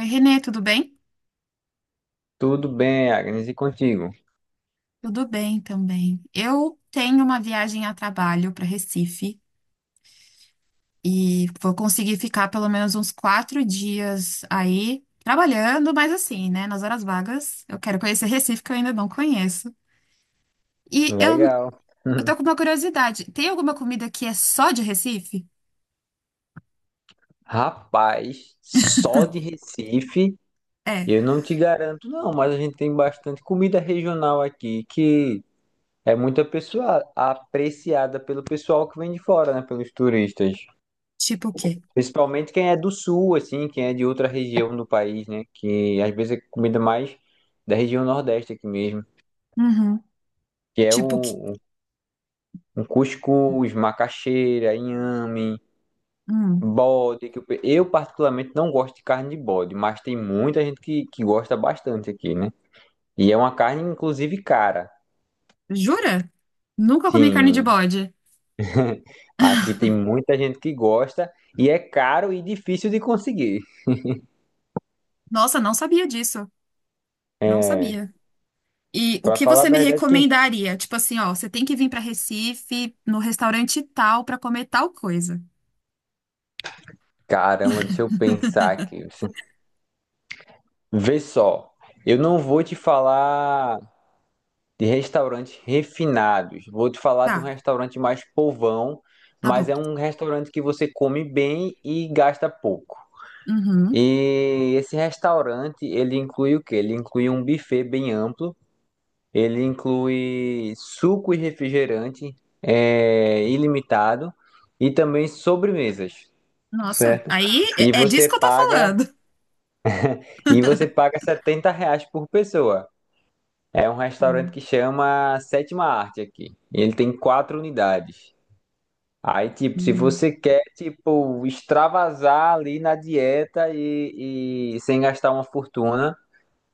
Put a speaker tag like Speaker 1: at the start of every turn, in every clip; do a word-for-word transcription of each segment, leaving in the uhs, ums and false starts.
Speaker 1: Oi, Renê, tudo bem?
Speaker 2: Tudo bem, Agnes, e contigo?
Speaker 1: Tudo bem também. Eu tenho uma viagem a trabalho para Recife e vou conseguir ficar pelo menos uns quatro dias aí trabalhando, mas assim, né, nas horas vagas. Eu quero conhecer Recife, que eu ainda não conheço. E eu,
Speaker 2: Legal.
Speaker 1: eu tô com uma curiosidade: tem alguma comida que é só de Recife?
Speaker 2: Rapaz, só de Recife
Speaker 1: É,
Speaker 2: eu não te garanto, não, mas a gente tem bastante comida regional aqui que é muito apessoa- apreciada pelo pessoal que vem de fora, né? Pelos turistas.
Speaker 1: tipo o quê?
Speaker 2: Principalmente quem é do sul, assim, quem é de outra região do país, né? Que às vezes é comida mais da região nordeste aqui mesmo,
Speaker 1: Uhum.
Speaker 2: que é
Speaker 1: Tipo o quê?
Speaker 2: o, o cuscuz, macaxeira, inhame.
Speaker 1: Hum.
Speaker 2: Bode, que eu, pe- eu particularmente não gosto de carne de bode, mas tem muita gente que, que gosta bastante aqui, né? E é uma carne, inclusive, cara.
Speaker 1: Jura? Nunca comi carne de
Speaker 2: Sim.
Speaker 1: bode.
Speaker 2: Aqui tem muita gente que gosta e é caro e difícil de conseguir.
Speaker 1: Nossa, não sabia disso. Não
Speaker 2: É,
Speaker 1: sabia. E o
Speaker 2: pra
Speaker 1: que
Speaker 2: falar a
Speaker 1: você me
Speaker 2: verdade, quem...
Speaker 1: recomendaria? Tipo assim, ó, você tem que vir para Recife no restaurante tal para comer tal coisa.
Speaker 2: Caramba, deixa eu pensar aqui. Vê só, eu não vou te falar de restaurantes refinados, vou te falar de um
Speaker 1: Tá,
Speaker 2: restaurante mais povão,
Speaker 1: tá
Speaker 2: mas
Speaker 1: bom.
Speaker 2: é um restaurante que você come bem e gasta pouco.
Speaker 1: Uhum.
Speaker 2: E esse restaurante, ele inclui o quê? Ele inclui um buffet bem amplo, ele inclui suco e refrigerante é, ilimitado e também sobremesas,
Speaker 1: Nossa,
Speaker 2: certo?
Speaker 1: aí
Speaker 2: E
Speaker 1: é, é disso
Speaker 2: você
Speaker 1: que eu tô
Speaker 2: paga
Speaker 1: falando.
Speaker 2: e você paga setenta reais por pessoa. É um restaurante
Speaker 1: Uhum.
Speaker 2: que chama Sétima Arte aqui. Ele tem quatro unidades. Aí, tipo, se você quer, tipo, extravasar ali na dieta e e sem gastar uma fortuna,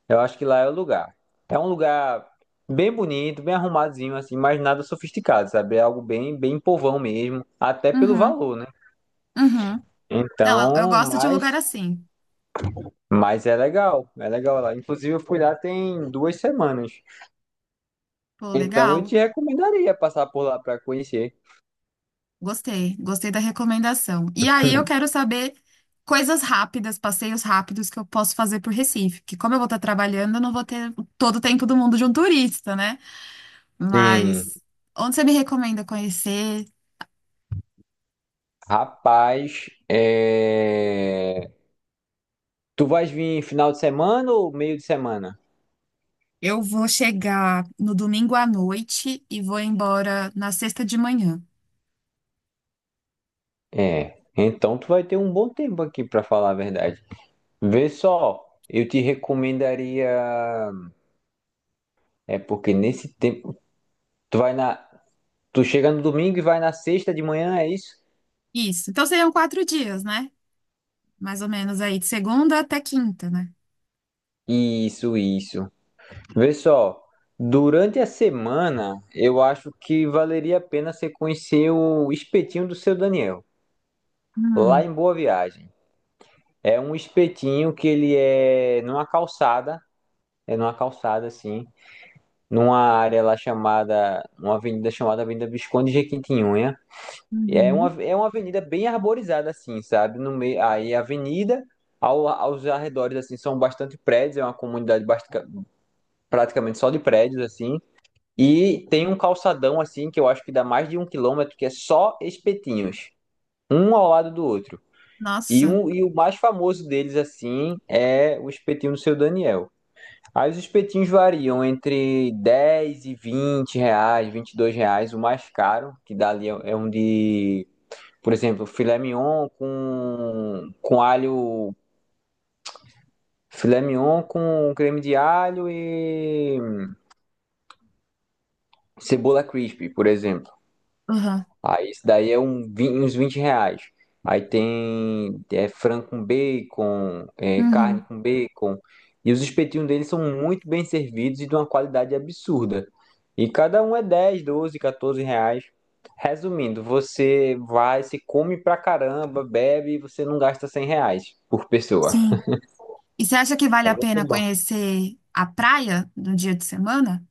Speaker 2: eu acho que lá é o lugar. É um lugar bem bonito, bem arrumadinho, assim, mas nada sofisticado, sabe? É algo bem, bem povão mesmo, até pelo
Speaker 1: Uhum.
Speaker 2: valor, né?
Speaker 1: Uhum. Não, eu, eu
Speaker 2: Então,
Speaker 1: gosto de um
Speaker 2: mas,
Speaker 1: lugar assim.
Speaker 2: mas é legal, é legal lá. Inclusive, eu fui lá tem duas semanas.
Speaker 1: Pô,
Speaker 2: Então, eu
Speaker 1: legal.
Speaker 2: te recomendaria passar por lá para conhecer.
Speaker 1: Gostei, gostei da recomendação. E aí eu quero saber coisas rápidas, passeios rápidos que eu posso fazer por Recife, que como eu vou estar trabalhando, eu não vou ter todo o tempo do mundo de um turista, né?
Speaker 2: Sim.
Speaker 1: Mas onde você me recomenda conhecer?
Speaker 2: Rapaz, é... tu vais vir final de semana ou meio de semana?
Speaker 1: Eu vou chegar no domingo à noite e vou embora na sexta de manhã.
Speaker 2: É. Então, tu vai ter um bom tempo aqui, para falar a verdade. Vê só, eu te recomendaria. É porque nesse tempo. Tu vai na. Tu chega no domingo e vai na sexta de manhã, é isso?
Speaker 1: Isso. Então seriam quatro dias, né? Mais ou menos aí, de segunda até quinta, né?
Speaker 2: Isso, isso. Vê só, durante a semana, eu acho que valeria a pena você conhecer o espetinho do seu Daniel, lá
Speaker 1: Hum.
Speaker 2: em Boa Viagem. É um espetinho que ele é numa calçada, é numa calçada assim, numa área lá chamada, uma avenida chamada Avenida Visconde de Jequitinhonha. E é
Speaker 1: Uhum.
Speaker 2: uma, é uma avenida bem arborizada, assim, sabe? No meio, aí a avenida, ao- aos arredores, assim, são bastante prédios, é uma comunidade bastica- praticamente só de prédios, assim. E tem um calçadão, assim, que eu acho que dá mais de um quilômetro, que é só espetinhos, um ao lado do outro. E,
Speaker 1: Nossa.
Speaker 2: um, e o mais famoso deles, assim, é o espetinho do Seu Daniel. Aí os espetinhos variam entre dez e vinte reais, vinte e dois reais, o mais caro, que dá ali é é um de, por exemplo, filé mignon com, com alho. Filé mignon com creme de alho e cebola crispy, por exemplo.
Speaker 1: Uhum.
Speaker 2: Aí isso daí é um, vin- uns vinte reais. Aí tem é, frango com bacon, é, carne
Speaker 1: Uhum.
Speaker 2: com bacon. E os espetinhos deles são muito bem servidos e de uma qualidade absurda. E cada um é dez, doze, quatorze reais. Resumindo, você vai, se come pra caramba, bebe e você não gasta cem reais por pessoa.
Speaker 1: Sim. E você acha que vale
Speaker 2: É
Speaker 1: a
Speaker 2: muito
Speaker 1: pena
Speaker 2: bom.
Speaker 1: conhecer a praia no dia de semana?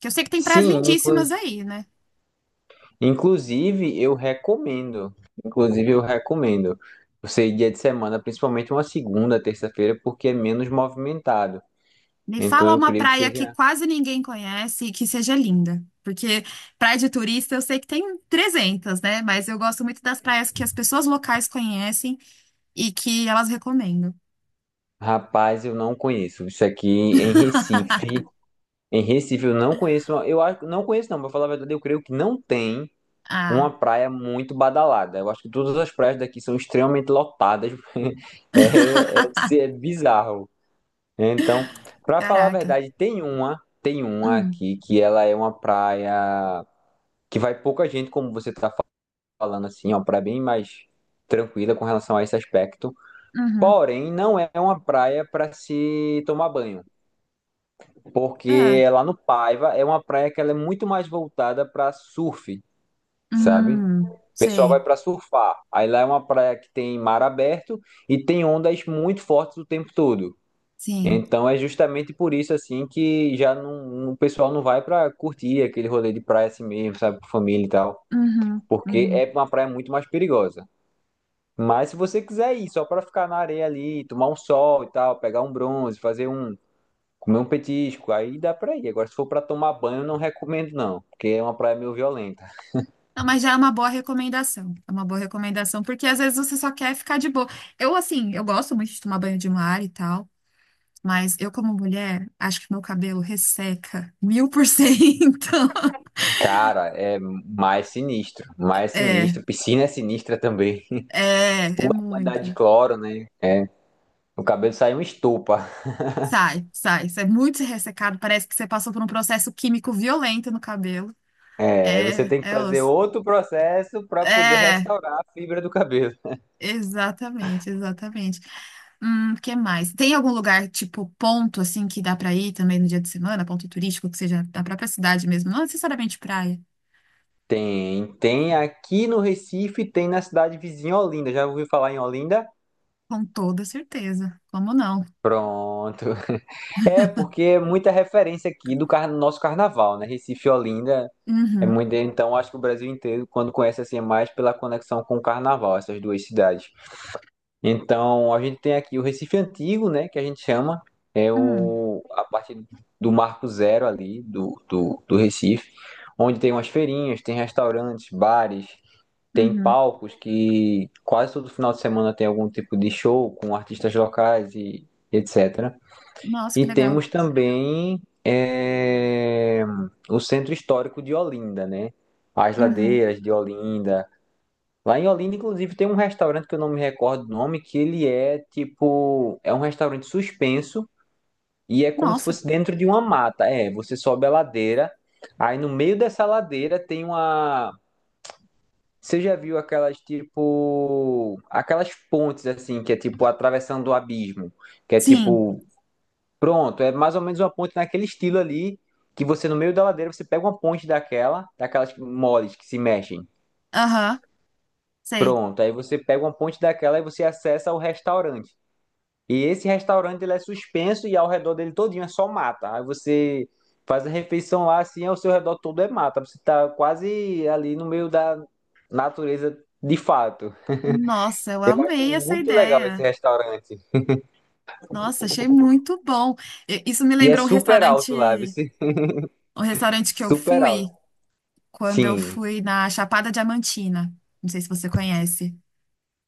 Speaker 1: Que eu sei que tem praias
Speaker 2: Sim, inclu-
Speaker 1: lindíssimas aí, né?
Speaker 2: inclusive eu recomendo. Inclusive eu recomendo. Você ir dia de semana, principalmente uma segunda, terça-feira, porque é menos movimentado.
Speaker 1: Me
Speaker 2: Então
Speaker 1: fala
Speaker 2: eu
Speaker 1: uma
Speaker 2: creio que
Speaker 1: praia que
Speaker 2: seja.
Speaker 1: quase ninguém conhece e que seja linda. Porque praia de turista eu sei que tem trezentas, né? Mas eu gosto muito das praias que as pessoas locais conhecem e que elas recomendam.
Speaker 2: Rapaz, eu não conheço. Isso aqui em Recife. Em Recife eu não conheço. uma- Eu acho, não conheço, não. Pra falar a verdade, eu creio que não tem
Speaker 1: Ah,
Speaker 2: uma praia muito badalada. Eu acho que todas as praias daqui são extremamente lotadas. É, é, é bizarro. Então, pra falar a
Speaker 1: caraca.
Speaker 2: verdade, tem uma, tem uma
Speaker 1: Hum,
Speaker 2: aqui que ela é uma praia que vai pouca gente, como você tá falando assim, ó, praia bem mais tranquila com relação a esse aspecto.
Speaker 1: uhum.
Speaker 2: Porém, não é uma praia para se tomar banho,
Speaker 1: Ah,
Speaker 2: porque lá no Paiva é uma praia que ela é muito mais voltada para surf, sabe?
Speaker 1: hum,
Speaker 2: O pessoal vai
Speaker 1: sei.
Speaker 2: para surfar. Aí lá é uma praia que tem mar aberto e tem ondas muito fortes o tempo todo.
Speaker 1: Sim.
Speaker 2: Então é justamente por isso assim que já não, o pessoal não vai pra curtir aquele rolê de praia assim mesmo, sabe, com família e tal,
Speaker 1: Uhum,
Speaker 2: porque
Speaker 1: uhum.
Speaker 2: é uma praia muito mais perigosa. Mas se você quiser ir só pra ficar na areia ali, tomar um sol e tal, pegar um bronze, fazer um, comer um petisco, aí dá pra ir. Agora se for pra tomar banho, eu não recomendo não, porque é uma praia meio violenta.
Speaker 1: Não, mas já é uma boa recomendação. É uma boa recomendação, porque às vezes você só quer ficar de boa. Eu, assim, eu gosto muito de tomar banho de mar e tal. Mas eu, como mulher, acho que meu cabelo resseca mil por cento.
Speaker 2: Cara, é mais sinistro, mais
Speaker 1: É,
Speaker 2: sinistro. Piscina é sinistra também.
Speaker 1: é,
Speaker 2: A
Speaker 1: é
Speaker 2: quantidade de
Speaker 1: muito.
Speaker 2: cloro, né? O cabelo sai uma estopa.
Speaker 1: Sai, sai. Isso é muito ressecado. Parece que você passou por um processo químico violento no cabelo.
Speaker 2: É, aí você
Speaker 1: É,
Speaker 2: tem que
Speaker 1: é
Speaker 2: fazer
Speaker 1: osso.
Speaker 2: outro processo para poder
Speaker 1: É,
Speaker 2: restaurar a fibra do cabelo.
Speaker 1: exatamente, exatamente. Hum, que mais? Tem algum lugar, tipo, ponto, assim, que dá pra ir também no dia de semana? Ponto turístico, que seja da própria cidade mesmo? Não necessariamente praia.
Speaker 2: Tem, tem aqui no Recife, tem na cidade vizinha Olinda. Já ouviu falar em Olinda?
Speaker 1: Com toda certeza. Como não?
Speaker 2: Pronto. É, porque é muita referência aqui do car- nosso carnaval, né? Recife e Olinda é
Speaker 1: Uhum.
Speaker 2: muito. Então, acho que o Brasil inteiro, quando conhece assim, é mais pela conexão com o carnaval, essas duas cidades. Então, a gente tem aqui o Recife Antigo, né, que a gente chama, é
Speaker 1: Hum,
Speaker 2: o, a parte do Marco Zero ali, do, do, do Recife, onde tem umas feirinhas, tem restaurantes, bares, tem
Speaker 1: uhum.
Speaker 2: palcos que quase todo final de semana tem algum tipo de show com artistas locais e etcétera.
Speaker 1: Nossa, que
Speaker 2: E
Speaker 1: legal.
Speaker 2: temos também é, o Centro Histórico de Olinda, né? As
Speaker 1: Uhum.
Speaker 2: ladeiras de Olinda, lá em Olinda, inclusive, tem um restaurante que eu não me recordo o nome, que ele é tipo, é um restaurante suspenso e é como se
Speaker 1: Nossa,
Speaker 2: fosse dentro de uma mata. É, você sobe a ladeira, aí no meio dessa ladeira tem uma. Você já viu aquelas tipo, aquelas pontes assim, que é tipo atravessando o abismo, que é
Speaker 1: sim,
Speaker 2: tipo, pronto, é mais ou menos uma ponte naquele estilo ali, que você no meio da ladeira você pega uma ponte daquela, daquelas moles que se mexem.
Speaker 1: aham, sei.
Speaker 2: Pronto, aí você pega uma ponte daquela e você acessa o restaurante. E esse restaurante ele é suspenso e ao redor dele todinho é só mata. Aí você faz a refeição lá assim, ao seu redor todo é mata. Você tá quase ali no meio da natureza de fato.
Speaker 1: Nossa, eu
Speaker 2: Eu acho
Speaker 1: amei essa
Speaker 2: muito legal esse
Speaker 1: ideia.
Speaker 2: restaurante.
Speaker 1: Nossa, achei muito bom. E- Isso me
Speaker 2: E é
Speaker 1: lembrou um
Speaker 2: super alto lá, viu?
Speaker 1: restaurante, um restaurante que eu
Speaker 2: Super alto.
Speaker 1: fui quando eu
Speaker 2: Sim.
Speaker 1: fui na Chapada Diamantina. Não sei se você conhece,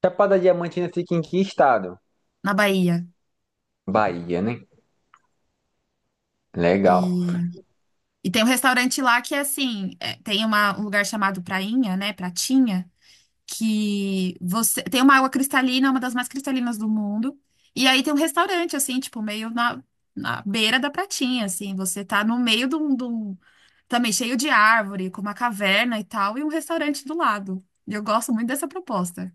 Speaker 2: Chapada Diamantina fica em que estado?
Speaker 1: na Bahia.
Speaker 2: Bahia, né? Legal.
Speaker 1: E, e tem um restaurante lá que é assim, é, tem uma- um lugar chamado Prainha, né? Pratinha, que você tem uma água cristalina, uma das mais cristalinas do mundo. E aí tem um restaurante, assim, tipo, meio na, na beira da pratinha, assim. Você tá no meio de um, de um- também cheio de árvore, com uma caverna e tal, e um restaurante do lado. E eu gosto muito dessa proposta.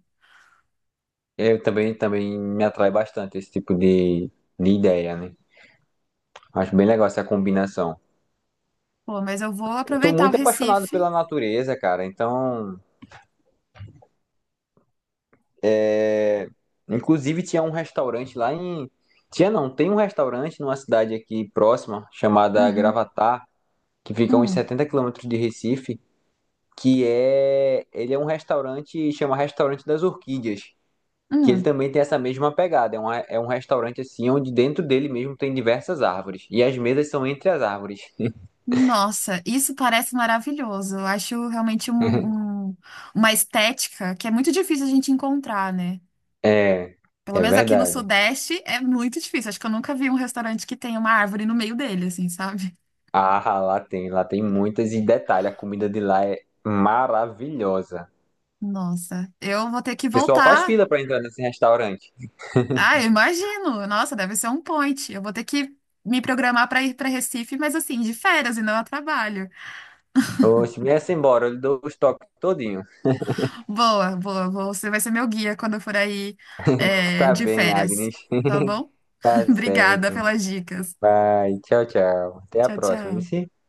Speaker 2: Eu também, também me atrai bastante esse tipo de, de ideia, né? Acho bem legal essa combinação.
Speaker 1: Pô, mas eu vou
Speaker 2: Tô
Speaker 1: aproveitar o
Speaker 2: muito apaixonado
Speaker 1: Recife.
Speaker 2: pela natureza, cara. Então, é... inclusive tinha um restaurante lá em. Tinha não, tem um restaurante numa cidade aqui próxima, chamada
Speaker 1: Uhum.
Speaker 2: Gravatar, que fica a uns
Speaker 1: Hum.
Speaker 2: setenta quilômetros de Recife, que é. Ele é um restaurante, chama Restaurante das Orquídeas, que ele
Speaker 1: Hum.
Speaker 2: também tem essa mesma pegada. É um, é um restaurante assim, onde dentro dele mesmo tem diversas árvores. E as mesas são entre as árvores.
Speaker 1: Nossa, isso parece maravilhoso. Eu acho realmente um, um- uma estética que é muito difícil a gente encontrar, né?
Speaker 2: É,
Speaker 1: Pelo
Speaker 2: é
Speaker 1: menos aqui no
Speaker 2: verdade.
Speaker 1: Sudeste é muito difícil. Acho que eu nunca vi um restaurante que tenha uma árvore no meio dele, assim, sabe?
Speaker 2: Ah, lá tem, lá tem muitas. E detalhe, a comida de lá é maravilhosa.
Speaker 1: Nossa, eu vou ter que
Speaker 2: O pessoal faz
Speaker 1: voltar.
Speaker 2: fila pra entrar nesse restaurante.
Speaker 1: Ah, eu imagino. Nossa, deve ser um point. Eu vou ter que me programar para ir para Recife, mas assim, de férias e não a trabalho.
Speaker 2: Oxe, me essa embora, eu lhe dou os toques todinho.
Speaker 1: Boa, boa, boa. Você vai ser meu guia quando eu for aí, é,
Speaker 2: Tá
Speaker 1: de
Speaker 2: bem,
Speaker 1: férias.
Speaker 2: Agnes.
Speaker 1: Tá bom?
Speaker 2: Tá
Speaker 1: Obrigada
Speaker 2: certo.
Speaker 1: pelas dicas.
Speaker 2: Vai, tchau, tchau. Até a
Speaker 1: Tchau,
Speaker 2: próxima,
Speaker 1: tchau.
Speaker 2: viu?